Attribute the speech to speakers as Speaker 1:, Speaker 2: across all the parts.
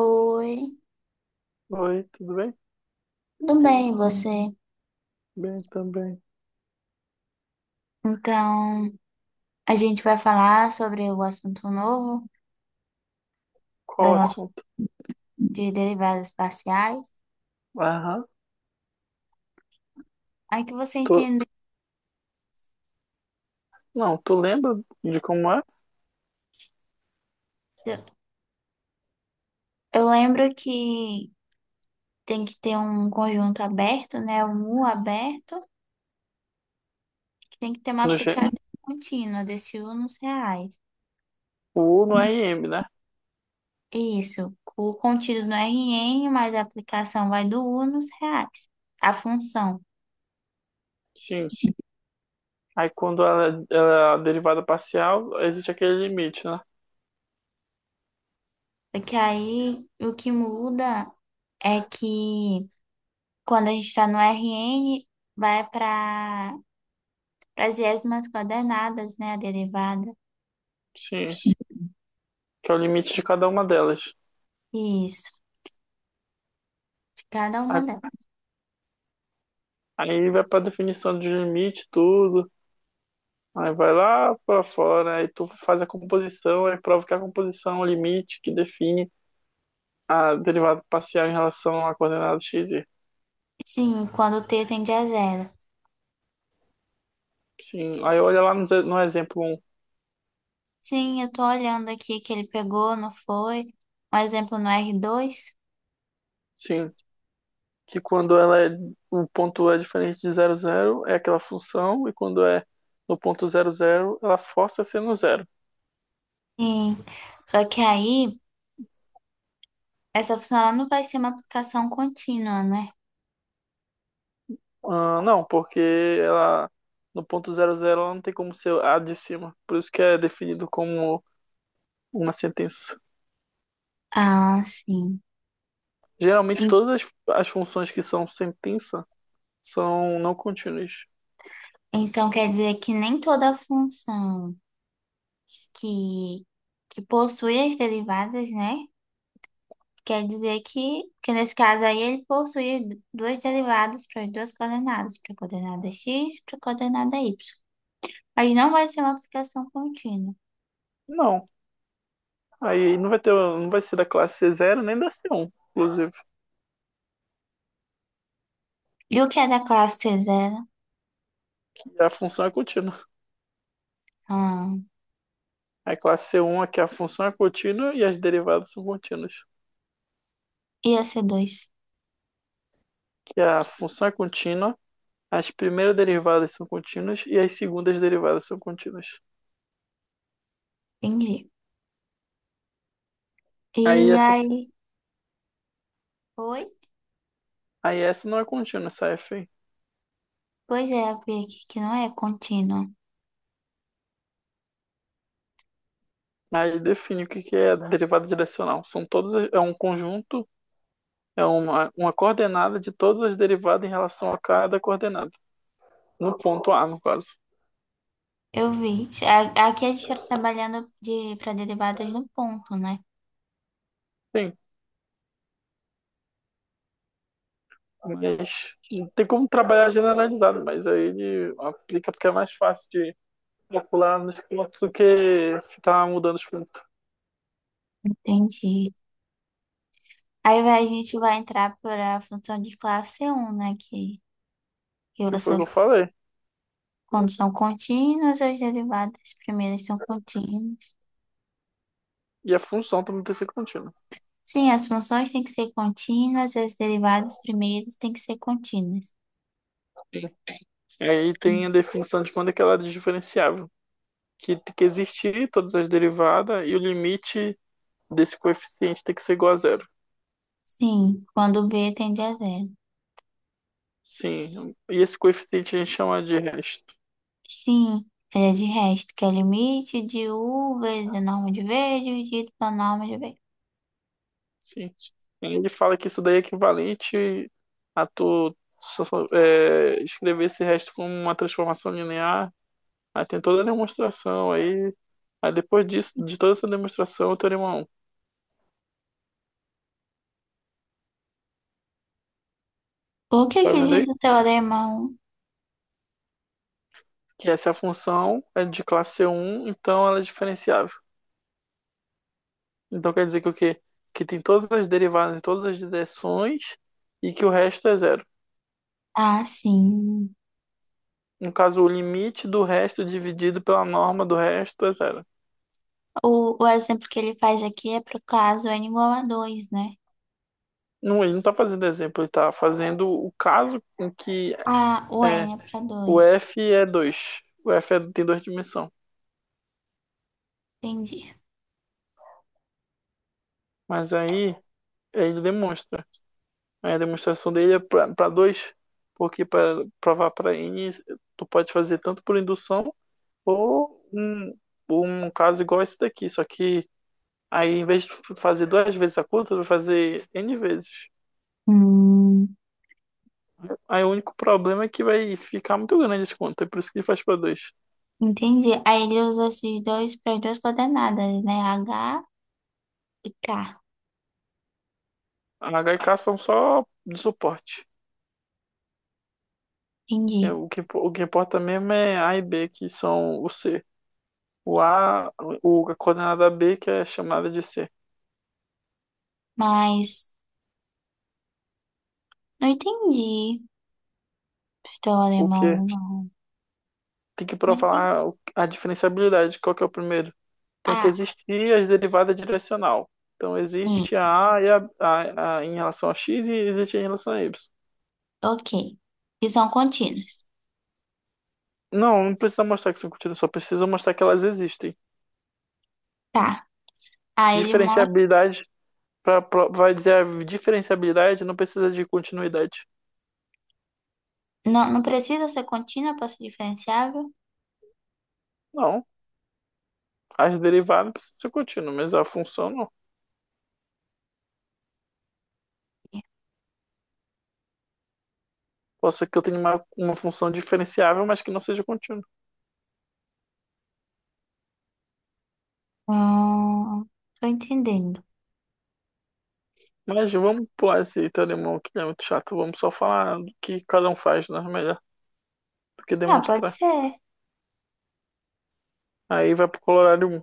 Speaker 1: Oi,
Speaker 2: Oi, tudo bem?
Speaker 1: tudo bem, e você?
Speaker 2: Bem também.
Speaker 1: Então, a gente vai falar sobre o assunto novo
Speaker 2: Qual
Speaker 1: da
Speaker 2: o
Speaker 1: nossa
Speaker 2: assunto?
Speaker 1: de derivadas parciais.
Speaker 2: Aham.
Speaker 1: Aí que você
Speaker 2: Tu...
Speaker 1: entendeu.
Speaker 2: Não, tu lembra de como é?
Speaker 1: Eu lembro que tem que ter um conjunto aberto, né? Um U aberto, que tem que ter uma
Speaker 2: No G...
Speaker 1: aplicação contínua desse U nos reais.
Speaker 2: O U no R M, né?
Speaker 1: Isso, o contido no RN, mas a aplicação vai do U nos reais, a função.
Speaker 2: Sim. Aí quando ela é derivada parcial, existe aquele limite, né?
Speaker 1: Porque aí o que muda é que quando a gente está no RN, vai para as iésimas coordenadas, né? A derivada.
Speaker 2: Sim. Que é o limite de cada uma delas.
Speaker 1: Isso, de cada uma
Speaker 2: Aí
Speaker 1: delas.
Speaker 2: aí vai pra definição de limite, tudo. Aí vai lá pra fora, aí tu faz a composição, aí prova que a composição é o limite que define a derivada parcial em relação à coordenada x, y.
Speaker 1: Sim, quando o t tende a zero.
Speaker 2: Sim, aí olha lá no, no exemplo um.
Speaker 1: Sim, eu tô olhando aqui que ele pegou, não foi? Um exemplo no r dois.
Speaker 2: Sim, que quando ela é, o ponto é diferente de zero zero é aquela função, e quando é no ponto zero zero ela força a ser no zero.
Speaker 1: Sim, só que aí, essa função ela não vai ser uma aplicação contínua, né?
Speaker 2: Ah, não, porque ela no ponto zero zero ela não tem como ser a de cima, por isso que é definido como uma sentença.
Speaker 1: Ah, sim.
Speaker 2: Geralmente
Speaker 1: En-
Speaker 2: as funções que são sentença são não contínuas.
Speaker 1: Então quer dizer que nem toda função que, que possui as derivadas, né? Quer dizer que, nesse caso aí ele possui duas derivadas para as duas coordenadas, para a coordenada x e para a coordenada y. Mas não vai ser uma multiplicação contínua.
Speaker 2: Não, aí não vai ter, não vai ser da classe c zero nem da c um inclusive,
Speaker 1: E o que é da classe c zero?
Speaker 2: que a função é contínua.
Speaker 1: Ah,
Speaker 2: É. A classe C1 é que a função é contínua e as derivadas são contínuas.
Speaker 1: ia ser dois.
Speaker 2: Que a função é contínua, as primeiras derivadas são contínuas e as segundas derivadas são contínuas.
Speaker 1: Entendi.
Speaker 2: Aí
Speaker 1: E
Speaker 2: essa,
Speaker 1: aí, oi?
Speaker 2: aí essa não é contínua, essa f aí.
Speaker 1: Pois é, eu vi aqui que não é contínua.
Speaker 2: Aí define o que que é a derivada direcional. São todos, é um conjunto, é uma coordenada de todas as derivadas em relação a cada coordenada. No ponto A, no caso.
Speaker 1: Eu vi. Aqui a gente está trabalhando para derivadas no ponto, né?
Speaker 2: Sim, mas não tem como trabalhar generalizado, mas aí ele aplica porque é mais fácil de calcular nos pontos do que ficar mudando os pontos,
Speaker 1: Entendi. A gente vai entrar para a função de classe c um, né? Que
Speaker 2: que
Speaker 1: eu
Speaker 2: foi o
Speaker 1: sou.
Speaker 2: que eu falei.
Speaker 1: Quando são contínuas, as derivadas primeiras são contínuas.
Speaker 2: E a função também tem que ser contínua.
Speaker 1: Sim, as funções têm que ser contínuas e as derivadas primeiras têm que ser contínuas.
Speaker 2: E aí tem
Speaker 1: Sim,
Speaker 2: a definição de quando é que ela é diferenciável, que tem que existir todas as derivadas e o limite desse coeficiente tem que ser igual a zero.
Speaker 1: sim, quando b tende a zero.
Speaker 2: Sim, e esse coeficiente a gente chama de resto.
Speaker 1: Sim, ele é de resto, que é o limite de u vezes a norma de v dividido pela norma de v.
Speaker 2: Sim. Ele fala que isso daí é equivalente a tu escrever esse resto como uma transformação linear. Aí tem toda a demonstração, aí, aí depois disso, de toda essa demonstração, eu teria uma 1,
Speaker 1: O que
Speaker 2: tá
Speaker 1: que
Speaker 2: vendo
Speaker 1: diz
Speaker 2: aí?
Speaker 1: o teorema 1?
Speaker 2: Que essa função é de classe um, então ela é diferenciável. Então quer dizer que o quê? Que tem todas as derivadas em todas as direções e que o resto é zero.
Speaker 1: Ah, sim.
Speaker 2: No caso, o limite do resto dividido pela norma do resto é zero.
Speaker 1: O exemplo que ele faz aqui é para o caso n igual a dois, né?
Speaker 2: Não, ele não está fazendo exemplo, ele está fazendo o caso em que
Speaker 1: Ah, o n
Speaker 2: é,
Speaker 1: é para
Speaker 2: o
Speaker 1: dois.
Speaker 2: f é dois. O tem duas dimensões.
Speaker 1: Entendi.
Speaker 2: Mas aí ele demonstra. Aí a demonstração dele é para dois, porque para provar para N, tu pode fazer tanto por indução ou um caso igual esse daqui, só que aí em vez de fazer duas vezes a conta, tu vai fazer N vezes.
Speaker 1: Hum.
Speaker 2: Aí o único problema é que vai ficar muito grande esse conta, é por isso que ele faz para dois.
Speaker 1: Entendi. Aí ele usa esses dois para as duas coordenadas, né? H e K.
Speaker 2: A H e K são só de suporte. É.
Speaker 1: Entendi.
Speaker 2: O o que importa mesmo é A e B, que são o C. O A, a coordenada B, que é chamada de C.
Speaker 1: Mas não entendi. Estou
Speaker 2: O que
Speaker 1: alemão, não.
Speaker 2: tem que
Speaker 1: Não entendi.
Speaker 2: provar a diferenciabilidade. Qual que é o primeiro? Tem que
Speaker 1: Ah,
Speaker 2: existir as derivadas direcional. Então,
Speaker 1: sim.
Speaker 2: existe a A, e a em relação a X e existe em relação a Y.
Speaker 1: Ok. Que são contínuas.
Speaker 2: Não, não precisa mostrar que são contínuas, só precisa mostrar que elas existem.
Speaker 1: Tá. Aí ele mostra.
Speaker 2: Diferenciabilidade, vai dizer a diferenciabilidade não precisa de continuidade.
Speaker 1: Não, não precisa ser contínua para ser diferenciável?
Speaker 2: Não, as derivadas precisam ser contínuas, mas a função não. Posso ser que eu tenha uma função diferenciável, mas que não seja contínua.
Speaker 1: Hum, tô entendendo.
Speaker 2: Mas vamos pular esse telemão que é muito chato. Vamos só falar do que cada um faz, né? Melhor do que
Speaker 1: Ah, pode
Speaker 2: demonstrar.
Speaker 1: ser.
Speaker 2: Aí vai pro Colorado um,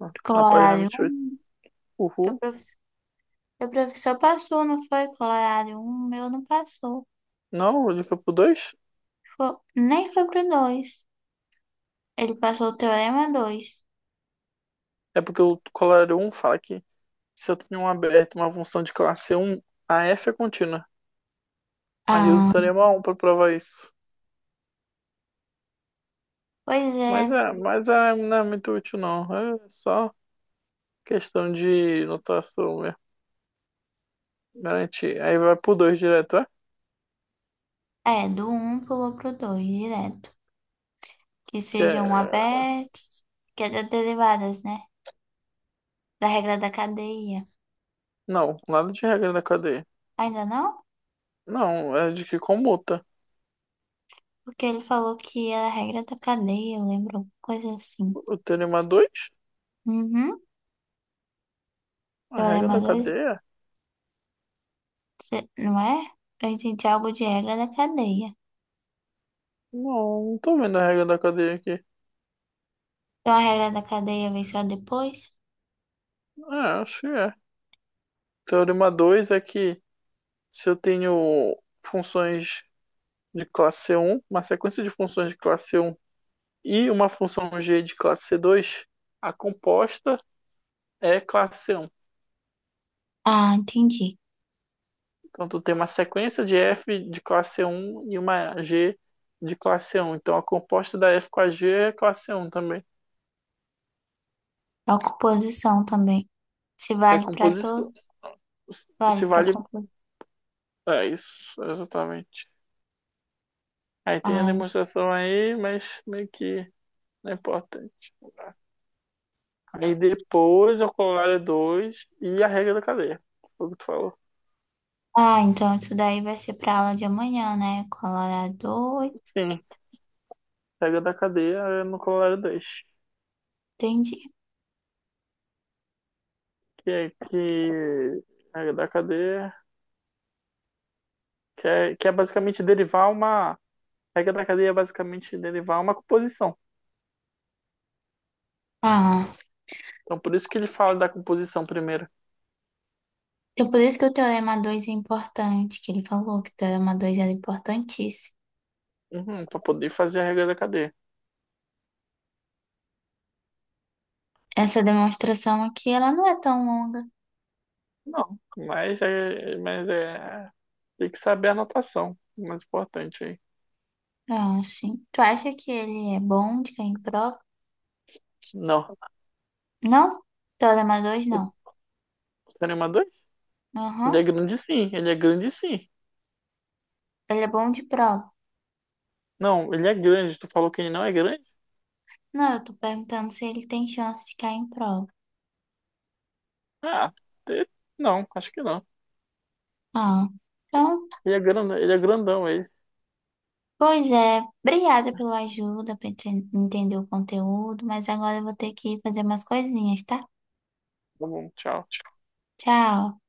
Speaker 2: né? Na página
Speaker 1: Colorário
Speaker 2: 28.
Speaker 1: um. Teu
Speaker 2: Uhul.
Speaker 1: professor, teu professor passou, não foi? Colorário um meu não passou.
Speaker 2: Não, ele foi pro dois.
Speaker 1: Nem foi pro dois. Ele passou o teorema dois.
Speaker 2: É porque o Colorado um fala que se eu tenho um aberto, uma função de classe um, a f é contínua. Ali eu uso o
Speaker 1: Ah,
Speaker 2: teorema 1 para provar isso.
Speaker 1: pois é,
Speaker 2: Não é muito útil, não. É só questão de notação mesmo. Garantir. Aí vai pro 2 direto, é?
Speaker 1: é, do um pulou pro 2 direto. Que
Speaker 2: Que
Speaker 1: sejam
Speaker 2: é.
Speaker 1: abertos, que é das derivadas, né? Da regra da cadeia.
Speaker 2: Não, nada de regra da cadeia.
Speaker 1: Ainda não?
Speaker 2: Não, é de que comuta.
Speaker 1: Porque ele falou que era a regra da cadeia, eu lembro, coisa assim.
Speaker 2: O teorema dois.
Speaker 1: Uhum,
Speaker 2: A regra
Speaker 1: teorema
Speaker 2: da
Speaker 1: dois,
Speaker 2: cadeia?
Speaker 1: não é? Eu entendi algo de regra da cadeia.
Speaker 2: Não, não tô vendo a regra da cadeia aqui.
Speaker 1: Então a regra da cadeia vem só depois?
Speaker 2: É, acho que é. Teorema 2 é que se eu tenho funções de classe C1, uma sequência de funções de classe C1 e uma função G de classe C2, a composta é classe C1.
Speaker 1: Ah, entendi.
Speaker 2: Então, tu tem uma sequência de F de classe C1 e uma G de classe C1. Então, a composta da F com a G é classe C1 também.
Speaker 1: A composição também. Se
Speaker 2: É
Speaker 1: vale para
Speaker 2: composição.
Speaker 1: todos, vale
Speaker 2: Se
Speaker 1: para
Speaker 2: vale,
Speaker 1: composição.
Speaker 2: é isso, exatamente. Aí tem a demonstração aí, mas meio que não é importante. Aí depois o corolário 2 e a regra da cadeia. Foi o que tu falou.
Speaker 1: Ah, então isso daí vai ser pra aula de amanhã, né? Colorado, dois.
Speaker 2: Sim, a regra da cadeia é no corolário dois.
Speaker 1: Entendi.
Speaker 2: Que é que. A regra da cadeia. Que é basicamente derivar uma. A regra da cadeia é basicamente derivar uma composição.
Speaker 1: Ah,
Speaker 2: Então por isso que ele fala da composição primeiro.
Speaker 1: então por isso que o teorema 2 é importante, que ele falou que o teorema 2 era importantíssimo.
Speaker 2: Uhum, para poder fazer a regra da cadeia.
Speaker 1: Essa demonstração aqui, ela não é tão longa.
Speaker 2: Não, mas é tem que saber a anotação, o mais importante aí.
Speaker 1: Ah, sim. Tu acha que ele é bom de cair em prova?
Speaker 2: Não,
Speaker 1: Não? Teorema 2
Speaker 2: o
Speaker 1: não.
Speaker 2: teorema 2 ele é
Speaker 1: Aham.
Speaker 2: grande sim, ele é grande sim.
Speaker 1: Ele é bom de prova.
Speaker 2: Não, ele é grande. Tu falou que ele não é grande?
Speaker 1: Não, eu tô perguntando se ele tem chance de cair em prova.
Speaker 2: Ah, te- não, acho que não.
Speaker 1: Ah, então.
Speaker 2: Ele é grande, ele é grandão, ele.
Speaker 1: Pois é, obrigada pela ajuda para entender o conteúdo, mas agora eu vou ter que fazer umas coisinhas, tá?
Speaker 2: Tá bom, tchau.
Speaker 1: Tchau.